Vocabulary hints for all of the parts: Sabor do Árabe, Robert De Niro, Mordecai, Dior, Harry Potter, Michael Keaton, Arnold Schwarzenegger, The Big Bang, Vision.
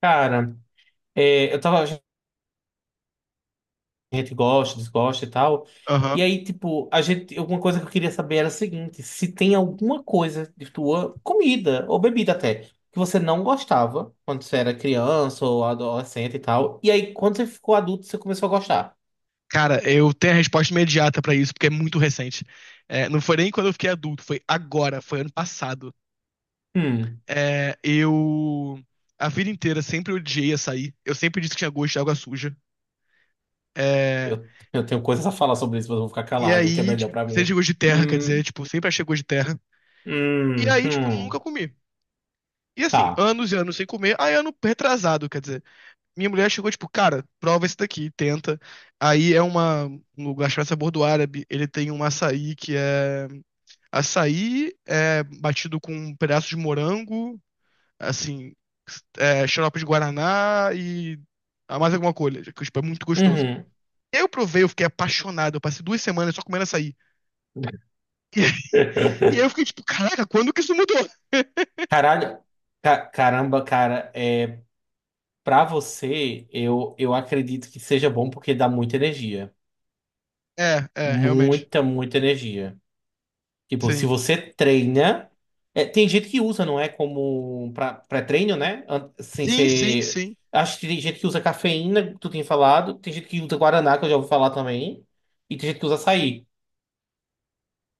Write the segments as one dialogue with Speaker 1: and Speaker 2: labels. Speaker 1: Cara, eu tava. A gente gosta, desgosta e tal.
Speaker 2: Aham.
Speaker 1: E aí, tipo, a gente. Alguma coisa que eu queria saber era o seguinte: se tem alguma coisa de tua comida, ou bebida até, que você não gostava quando você era criança ou adolescente e tal. E aí, quando você ficou adulto, você começou a gostar.
Speaker 2: Cara, eu tenho a resposta imediata pra isso, porque é muito recente. Não foi nem quando eu fiquei adulto, foi agora, foi ano passado.
Speaker 1: Hum.
Speaker 2: É, eu. A vida inteira sempre odiei açaí. Eu sempre disse que tinha gosto de água suja. É,
Speaker 1: Eu tenho coisas a falar sobre isso, mas eu vou ficar
Speaker 2: e
Speaker 1: calado, o que é
Speaker 2: aí,
Speaker 1: melhor
Speaker 2: tipo,
Speaker 1: pra
Speaker 2: sempre tinha
Speaker 1: mim.
Speaker 2: gosto de terra, quer
Speaker 1: Hum,
Speaker 2: dizer, tipo, sempre achei gosto de terra. E
Speaker 1: hum,
Speaker 2: aí, tipo, nunca
Speaker 1: hum.
Speaker 2: comi. E assim,
Speaker 1: Tá.
Speaker 2: anos e anos sem comer. Aí, ano retrasado, quer dizer. Minha mulher chegou, tipo, cara, prova esse daqui, tenta. Aí é uma. Um lugar chamado Sabor do Árabe. Ele tem um açaí que é Açaí é batido com um pedaço de morango, assim, xarope de guaraná e mais alguma coisa, que tipo, é muito gostoso.
Speaker 1: Uhum.
Speaker 2: Eu provei, eu fiquei apaixonado, eu passei 2 semanas só comendo açaí. E aí eu fiquei tipo, caraca, quando que isso mudou?
Speaker 1: Caralho. Caramba, cara. Pra você, eu acredito que seja bom porque dá muita energia.
Speaker 2: É, é, realmente.
Speaker 1: Muita, muita energia. Tipo, se
Speaker 2: Sim.
Speaker 1: você treina. Tem gente que usa, não é? Como pré-treino, né? Sem
Speaker 2: Sim, sim,
Speaker 1: ser.
Speaker 2: sim.
Speaker 1: Acho que tem gente que usa cafeína, que tu tinha falado. Tem gente que usa guaraná, que eu já ouvi falar também. E tem gente que usa açaí.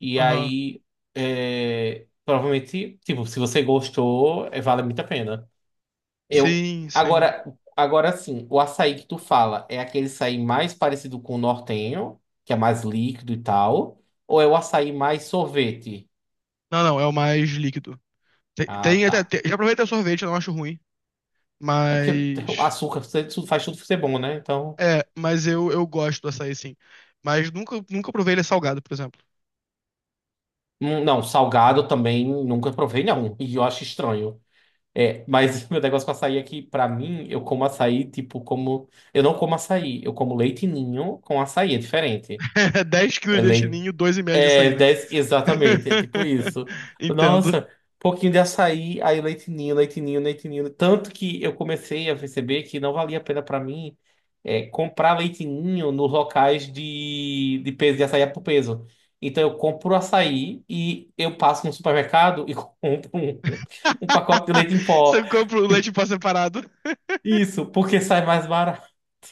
Speaker 1: E
Speaker 2: Aham.
Speaker 1: aí. Provavelmente, tipo, se você gostou, vale muito a pena. Eu
Speaker 2: Sim, sim.
Speaker 1: agora, agora sim, o açaí que tu fala é aquele açaí mais parecido com o nortenho, que é mais líquido e tal, ou é o açaí mais sorvete?
Speaker 2: Não, não, é o mais líquido.
Speaker 1: Ah, tá.
Speaker 2: Já provei até sorvete, eu não acho ruim,
Speaker 1: É porque o
Speaker 2: mas
Speaker 1: açúcar faz tudo ser bom, né? Então,
Speaker 2: eu gosto do açaí, sim. Mas nunca, nunca provei ele salgado, por exemplo.
Speaker 1: não, salgado também nunca provei não, e eu acho estranho. É, mas meu negócio com açaí é que, pra mim, eu como açaí, tipo, como. Eu não como açaí, eu como leite ninho com açaí, é diferente.
Speaker 2: 10 quilos
Speaker 1: É
Speaker 2: de leite
Speaker 1: leite.
Speaker 2: ninho, 2,5 de
Speaker 1: É,
Speaker 2: açaí, né?
Speaker 1: 10, exatamente, é tipo isso.
Speaker 2: Entendo.
Speaker 1: Nossa, um pouquinho de açaí, aí leite ninho, leite ninho, leite ninho. Tanto que eu comecei a perceber que não valia a pena pra mim comprar leite ninho nos locais de peso, de açaí por peso. Então eu compro o açaí e eu passo no supermercado e compro um pacote de leite em pó.
Speaker 2: Você compra o leite em pó separado.
Speaker 1: Isso, porque sai mais barato,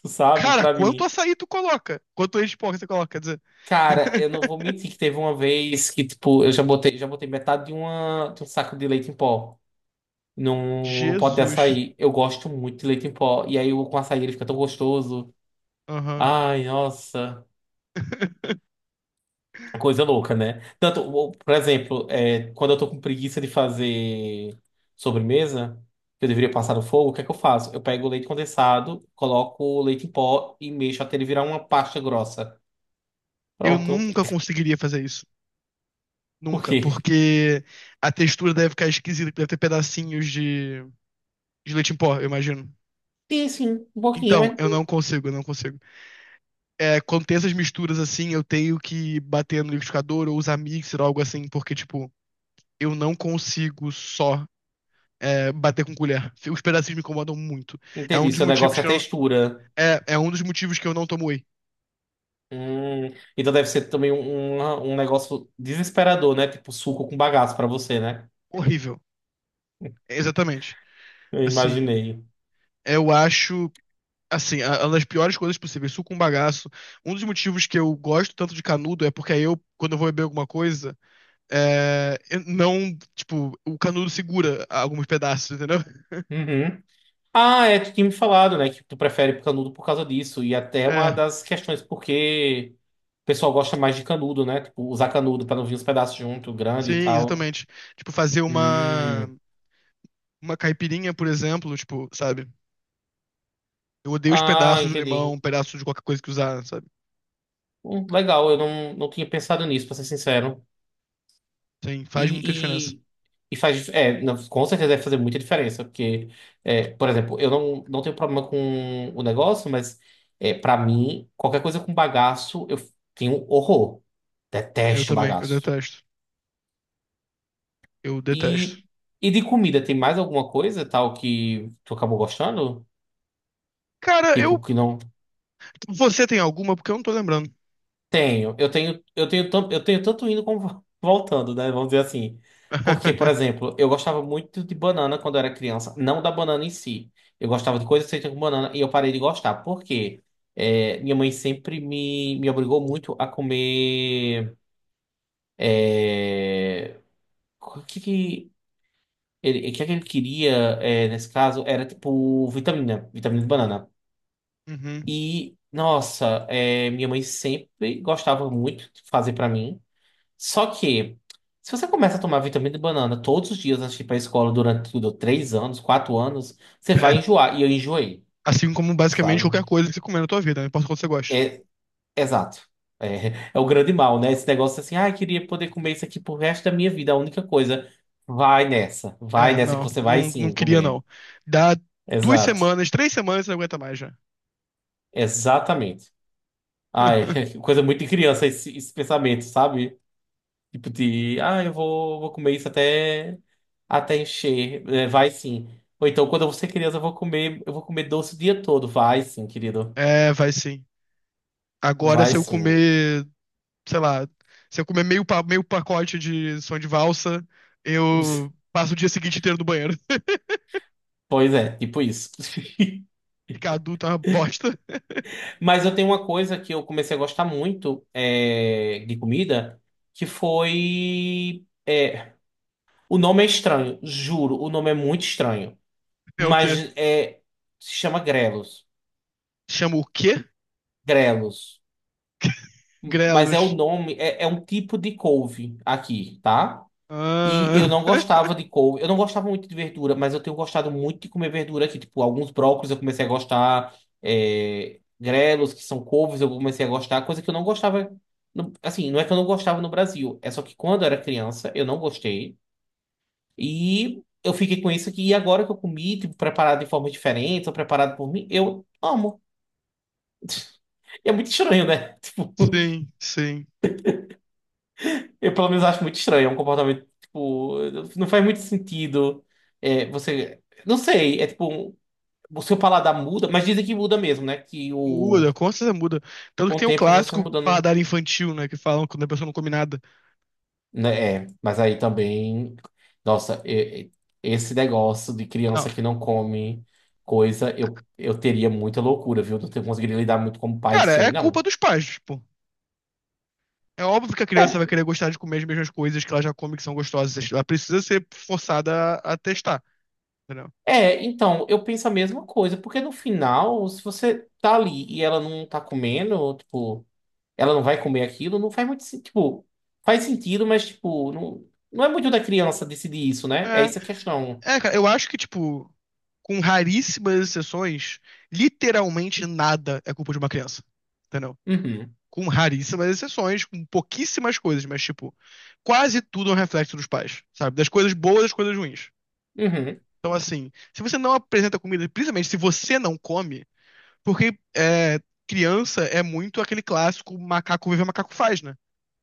Speaker 1: sabe,
Speaker 2: Cara,
Speaker 1: pra
Speaker 2: quanto
Speaker 1: mim.
Speaker 2: açaí tu coloca? Quanto leite de porco você coloca, quer dizer?
Speaker 1: Cara, eu não vou mentir que teve uma vez que, tipo, eu já botei metade de um saco de leite em pó num pote de
Speaker 2: Jesus.
Speaker 1: açaí. Eu gosto muito de leite em pó. E aí, com açaí, ele fica tão gostoso.
Speaker 2: Aham.
Speaker 1: Ai, nossa. Coisa louca, né? Tanto, por exemplo, quando eu tô com preguiça de fazer sobremesa, que eu deveria passar no fogo, o que é que eu faço? Eu pego o leite condensado, coloco o leite em pó e mexo até ele virar uma pasta grossa.
Speaker 2: Eu
Speaker 1: Pronto.
Speaker 2: nunca conseguiria fazer isso.
Speaker 1: Por
Speaker 2: Nunca.
Speaker 1: quê?
Speaker 2: Porque a textura deve ficar esquisita, deve ter pedacinhos de leite em pó, eu imagino.
Speaker 1: E assim, um pouquinho,
Speaker 2: Então,
Speaker 1: né?
Speaker 2: eu não consigo, eu não consigo. Quando tem essas misturas assim, eu tenho que bater no liquidificador ou usar mixer ou algo assim, porque, tipo, eu não consigo só bater com colher. Os pedacinhos me incomodam muito. É um
Speaker 1: Entendi,
Speaker 2: dos
Speaker 1: seu negócio
Speaker 2: motivos
Speaker 1: é
Speaker 2: que eu não,
Speaker 1: textura.
Speaker 2: É um dos motivos que eu não tomo whey.
Speaker 1: Hum, então deve ser também um negócio desesperador, né? Tipo suco com bagaço pra você, né?
Speaker 2: Horrível. Exatamente.
Speaker 1: Eu
Speaker 2: Assim,
Speaker 1: imaginei.
Speaker 2: eu acho, assim, uma das piores coisas possíveis, suco com bagaço. Um dos motivos que eu gosto tanto de canudo é porque aí eu, quando eu vou beber alguma coisa, eu não, tipo, o canudo segura alguns pedaços, entendeu?
Speaker 1: Uhum. Ah, é, tu tinha me falado, né? Que tu prefere canudo por causa disso. E até é uma
Speaker 2: É.
Speaker 1: das questões porque o pessoal gosta mais de canudo, né? Tipo, usar canudo pra não vir os pedaços junto,
Speaker 2: Sim,
Speaker 1: grande e tal.
Speaker 2: exatamente. Tipo, fazer uma,
Speaker 1: Hum.
Speaker 2: uma caipirinha, por exemplo, tipo, sabe? Eu odeio os
Speaker 1: Ah,
Speaker 2: pedaços de limão,
Speaker 1: entendi.
Speaker 2: pedaços de qualquer coisa que usar, sabe?
Speaker 1: Legal, eu não tinha pensado nisso, pra ser sincero.
Speaker 2: Sim, faz muita diferença.
Speaker 1: E, e, e faz. É, não, com certeza deve fazer muita diferença, porque, por exemplo, eu não tenho problema com o negócio, mas para mim, qualquer coisa com bagaço, eu tenho horror.
Speaker 2: Eu
Speaker 1: Detesto
Speaker 2: também, eu
Speaker 1: bagaço.
Speaker 2: detesto. Eu detesto.
Speaker 1: E, e de comida, tem mais alguma coisa tal que tu acabou gostando?
Speaker 2: Cara,
Speaker 1: Tipo,
Speaker 2: eu.
Speaker 1: que não.
Speaker 2: Você tem alguma? Porque eu não tô lembrando.
Speaker 1: Tenho, eu tenho, eu tenho tanto indo como voltando, né? Vamos dizer assim. Porque, por exemplo, eu gostava muito de banana quando eu era criança, não da banana em si. Eu gostava de coisas feitas com banana e eu parei de gostar. Por quê? É, minha mãe sempre me obrigou muito a comer. é, o que que o que é que ele queria, nesse caso, era tipo vitamina de banana.
Speaker 2: Uhum.
Speaker 1: E, nossa, minha mãe sempre gostava muito de fazer pra mim. Só que, se você começa a tomar vitamina de banana todos os dias antes de ir pra escola durante tudo, três anos, quatro anos, você vai
Speaker 2: É.
Speaker 1: enjoar. E eu enjoei,
Speaker 2: Assim como basicamente
Speaker 1: sabe?
Speaker 2: qualquer coisa que você comer na tua vida, não importa quanto você gosta.
Speaker 1: É, exato. É, é o grande mal, né? Esse negócio assim, ah, eu queria poder comer isso aqui pro resto da minha vida. A única coisa, vai nessa. Vai
Speaker 2: É,
Speaker 1: nessa que
Speaker 2: não,
Speaker 1: você vai
Speaker 2: não, não
Speaker 1: sim
Speaker 2: queria
Speaker 1: comer.
Speaker 2: não. Dá duas
Speaker 1: Exato.
Speaker 2: semanas, 3 semanas, você não aguenta mais já.
Speaker 1: Exatamente. Ai, coisa muito de criança esse pensamento, sabe? Tipo de, ah, eu vou comer isso até encher. É, vai sim. Ou então, quando você ser criança, eu vou comer doce o dia todo. Vai sim, querido.
Speaker 2: É, vai sim. Agora,
Speaker 1: Vai
Speaker 2: se eu
Speaker 1: sim.
Speaker 2: comer sei lá, se eu comer meio, pa- meio pacote de som de valsa, eu passo o dia seguinte inteiro no banheiro.
Speaker 1: Pois é, tipo isso.
Speaker 2: Ficar adulto é uma bosta.
Speaker 1: Mas eu tenho uma coisa que eu comecei a gostar muito de comida, que foi. O nome é estranho, juro, o nome é muito estranho.
Speaker 2: É o quê?
Speaker 1: Mas é, se chama grelos.
Speaker 2: Chama o quê?
Speaker 1: Grelos. Mas é o
Speaker 2: Grelos.
Speaker 1: nome, é um tipo de couve aqui, tá? E
Speaker 2: Ah,
Speaker 1: eu não gostava de couve. Eu não gostava muito de verdura, mas eu tenho gostado muito de comer verdura aqui. Tipo, alguns brócolis eu comecei a gostar. Grelos, que são couves, eu comecei a gostar. Coisa que eu não gostava. Assim, não é que eu não gostava no Brasil. É só que quando eu era criança, eu não gostei. E eu fiquei com isso aqui. E agora que eu comi, tipo, preparado de forma diferente, ou preparado por mim, eu amo. E é muito estranho, né? Tipo.
Speaker 2: sim, sim.
Speaker 1: Eu, pelo menos, acho muito estranho. É um comportamento, tipo, não faz muito sentido. É, você. Não sei, é tipo. O seu paladar muda, mas dizem que muda mesmo, né?
Speaker 2: Muda, com certeza muda. Tanto que
Speaker 1: Com o
Speaker 2: tem o
Speaker 1: tempo você vai
Speaker 2: clássico
Speaker 1: mudando.
Speaker 2: paladar infantil, né? Que falam quando a pessoa não come nada.
Speaker 1: Né? É, mas aí também. Nossa, esse negócio de
Speaker 2: Não.
Speaker 1: criança que não come coisa, eu teria muita loucura, viu? Não ter conseguido lidar muito como pai
Speaker 2: Cara,
Speaker 1: isso
Speaker 2: é
Speaker 1: aí,
Speaker 2: culpa
Speaker 1: não.
Speaker 2: dos pais, tipo. É óbvio que a criança vai querer gostar de comer as mesmas coisas que ela já come que são gostosas. Ela precisa ser forçada a testar. Entendeu?
Speaker 1: É, então, eu penso a mesma coisa, porque no final, se você tá ali e ela não tá comendo, tipo. Ela não vai comer aquilo, não faz muito sentido. Tipo, faz sentido, mas, tipo, não é muito da criança decidir isso, né? É
Speaker 2: É,
Speaker 1: essa a questão.
Speaker 2: cara, eu acho que, tipo, com raríssimas exceções, literalmente nada é culpa de uma criança, entendeu?
Speaker 1: Uhum,
Speaker 2: Com raríssimas exceções, com pouquíssimas coisas, mas, tipo, quase tudo é um reflexo dos pais, sabe? Das coisas boas, das coisas ruins.
Speaker 1: uhum.
Speaker 2: Então, assim, se você não apresenta comida, principalmente se você não come, porque é, criança é muito aquele clássico macaco vive, macaco faz, né?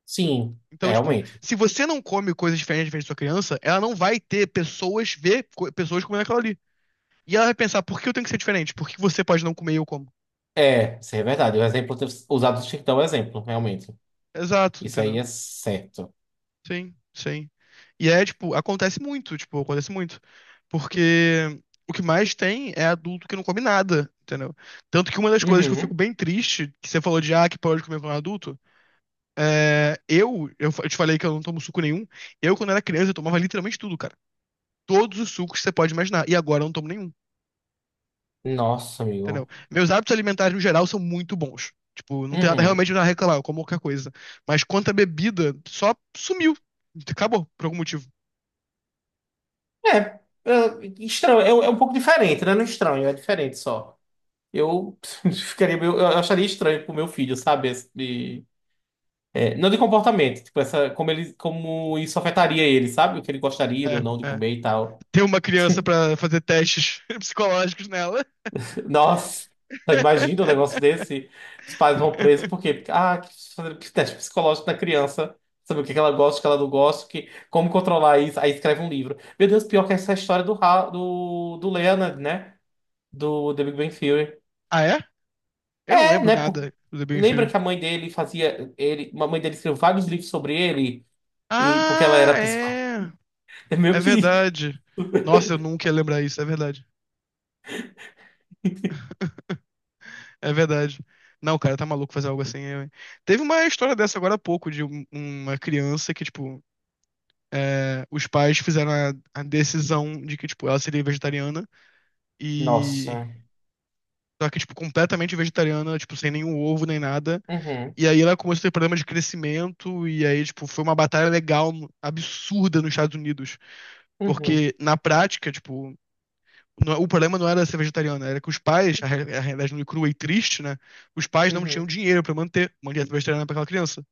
Speaker 1: Sim, é,
Speaker 2: Então, tipo,
Speaker 1: realmente.
Speaker 2: se você não come coisas diferentes da sua criança, ela não vai ter pessoas pessoas comendo aquilo ali. E ela vai pensar, por que eu tenho que ser diferente? Por que você pode não comer e eu como?
Speaker 1: É, isso é verdade. O exemplo ter usado o Chiquitão é um exemplo, realmente.
Speaker 2: Exato,
Speaker 1: Isso aí
Speaker 2: entendeu?
Speaker 1: é certo.
Speaker 2: Sim, sim. E é, tipo, acontece muito, tipo, acontece muito. Porque o que mais tem é adulto que não come nada, entendeu? Tanto que uma das coisas que eu fico
Speaker 1: Uhum.
Speaker 2: bem triste, que você falou de, ah, que pode comer quando é adulto, eu te falei que eu não tomo suco nenhum. Eu, quando era criança, eu tomava literalmente tudo, cara. Todos os sucos que você pode imaginar. E agora eu não tomo nenhum.
Speaker 1: Nossa,
Speaker 2: Entendeu?
Speaker 1: amigo.
Speaker 2: Meus hábitos alimentares, no geral, são muito bons. Tipo, não tem nada
Speaker 1: Uhum.
Speaker 2: realmente nada a reclamar, eu como qualquer coisa. Mas quanto à bebida, só sumiu. Acabou, por algum motivo.
Speaker 1: Estranho. É um pouco diferente, né? Não é estranho, é diferente só. Eu ficaria meio, eu acharia estranho pro meu filho, sabe? É, não de comportamento, tipo, como isso afetaria ele, sabe? O que ele gostaria ou não de
Speaker 2: É, é.
Speaker 1: comer e tal.
Speaker 2: Tem uma criança pra fazer testes psicológicos nela.
Speaker 1: Nossa, imagina um negócio desse. Os pais vão presos, por quê? Porque, ah, quis fazer teste psicológico na criança, saber o que que ela gosta, o que ela não gosta, como controlar isso. Aí escreve um livro. Meu Deus, pior que essa história do Leonard, né? Do The Big Bang Theory.
Speaker 2: Ah, é? Eu não
Speaker 1: É,
Speaker 2: lembro
Speaker 1: né?
Speaker 2: nada do The Big
Speaker 1: Lembra
Speaker 2: Bang.
Speaker 1: que a mãe dele fazia. A mãe dele escreveu vários livros sobre ele, e, porque ela era
Speaker 2: Ah,
Speaker 1: psicóloga.
Speaker 2: é.
Speaker 1: É
Speaker 2: É
Speaker 1: meio que.
Speaker 2: verdade. Nossa, eu nunca ia lembrar isso, é verdade. É verdade. Não, cara, tá maluco fazer algo assim. Teve uma história dessa agora há pouco, de uma criança que, tipo, os pais fizeram a decisão de que, tipo, ela seria vegetariana e.
Speaker 1: Nossa.
Speaker 2: Só que, tipo, completamente vegetariana, tipo, sem nenhum ovo nem nada.
Speaker 1: Uhum,
Speaker 2: E aí ela começou a ter problema de crescimento, e aí, tipo, foi uma batalha legal absurda nos Estados Unidos.
Speaker 1: uhum,
Speaker 2: Porque, na prática, tipo, o problema não era ser vegetariana, era que os pais, a realidade nua e crua e triste, né? Os pais não tinham
Speaker 1: uhum.
Speaker 2: dinheiro pra manter uma dieta vegetariana pra aquela criança.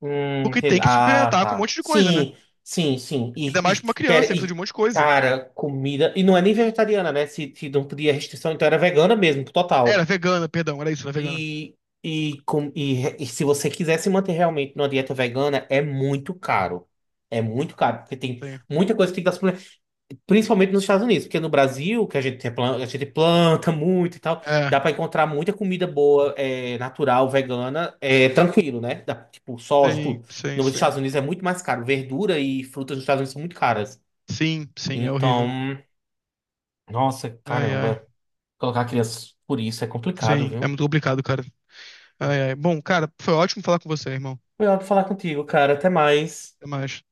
Speaker 2: Porque
Speaker 1: Entendi.
Speaker 2: tem que
Speaker 1: Ah,
Speaker 2: suplementar com um
Speaker 1: tá.
Speaker 2: monte de coisa, né?
Speaker 1: Sim, sim, sim.
Speaker 2: Ainda mais pra uma criança que precisa de um monte de coisa.
Speaker 1: Cara, comida. E não é nem vegetariana, né? Se não podia restrição, então era vegana mesmo,
Speaker 2: Era
Speaker 1: total.
Speaker 2: vegana, perdão, era isso, era vegana.
Speaker 1: E, e se você quiser se manter realmente numa dieta vegana, é muito caro. É muito caro, porque tem muita coisa que tem que dar. Principalmente nos Estados Unidos, porque no Brasil, que a gente planta muito e tal,
Speaker 2: É,
Speaker 1: dá pra encontrar muita comida boa, natural, vegana, tranquilo, né? Dá, tipo, soja,
Speaker 2: sim,
Speaker 1: tudo.
Speaker 2: sim,
Speaker 1: Nos
Speaker 2: sim.
Speaker 1: Estados Unidos é muito mais caro. Verdura e frutas nos Estados Unidos são muito caras.
Speaker 2: Sim, sim, é horrível.
Speaker 1: Então, nossa,
Speaker 2: Ai, ai.
Speaker 1: caramba, colocar crianças por isso é complicado,
Speaker 2: Sim, é
Speaker 1: viu?
Speaker 2: muito complicado, cara. Ai, ai. Bom, cara, foi ótimo falar com você, irmão.
Speaker 1: Melhor falar contigo, cara. Até mais.
Speaker 2: Até mais.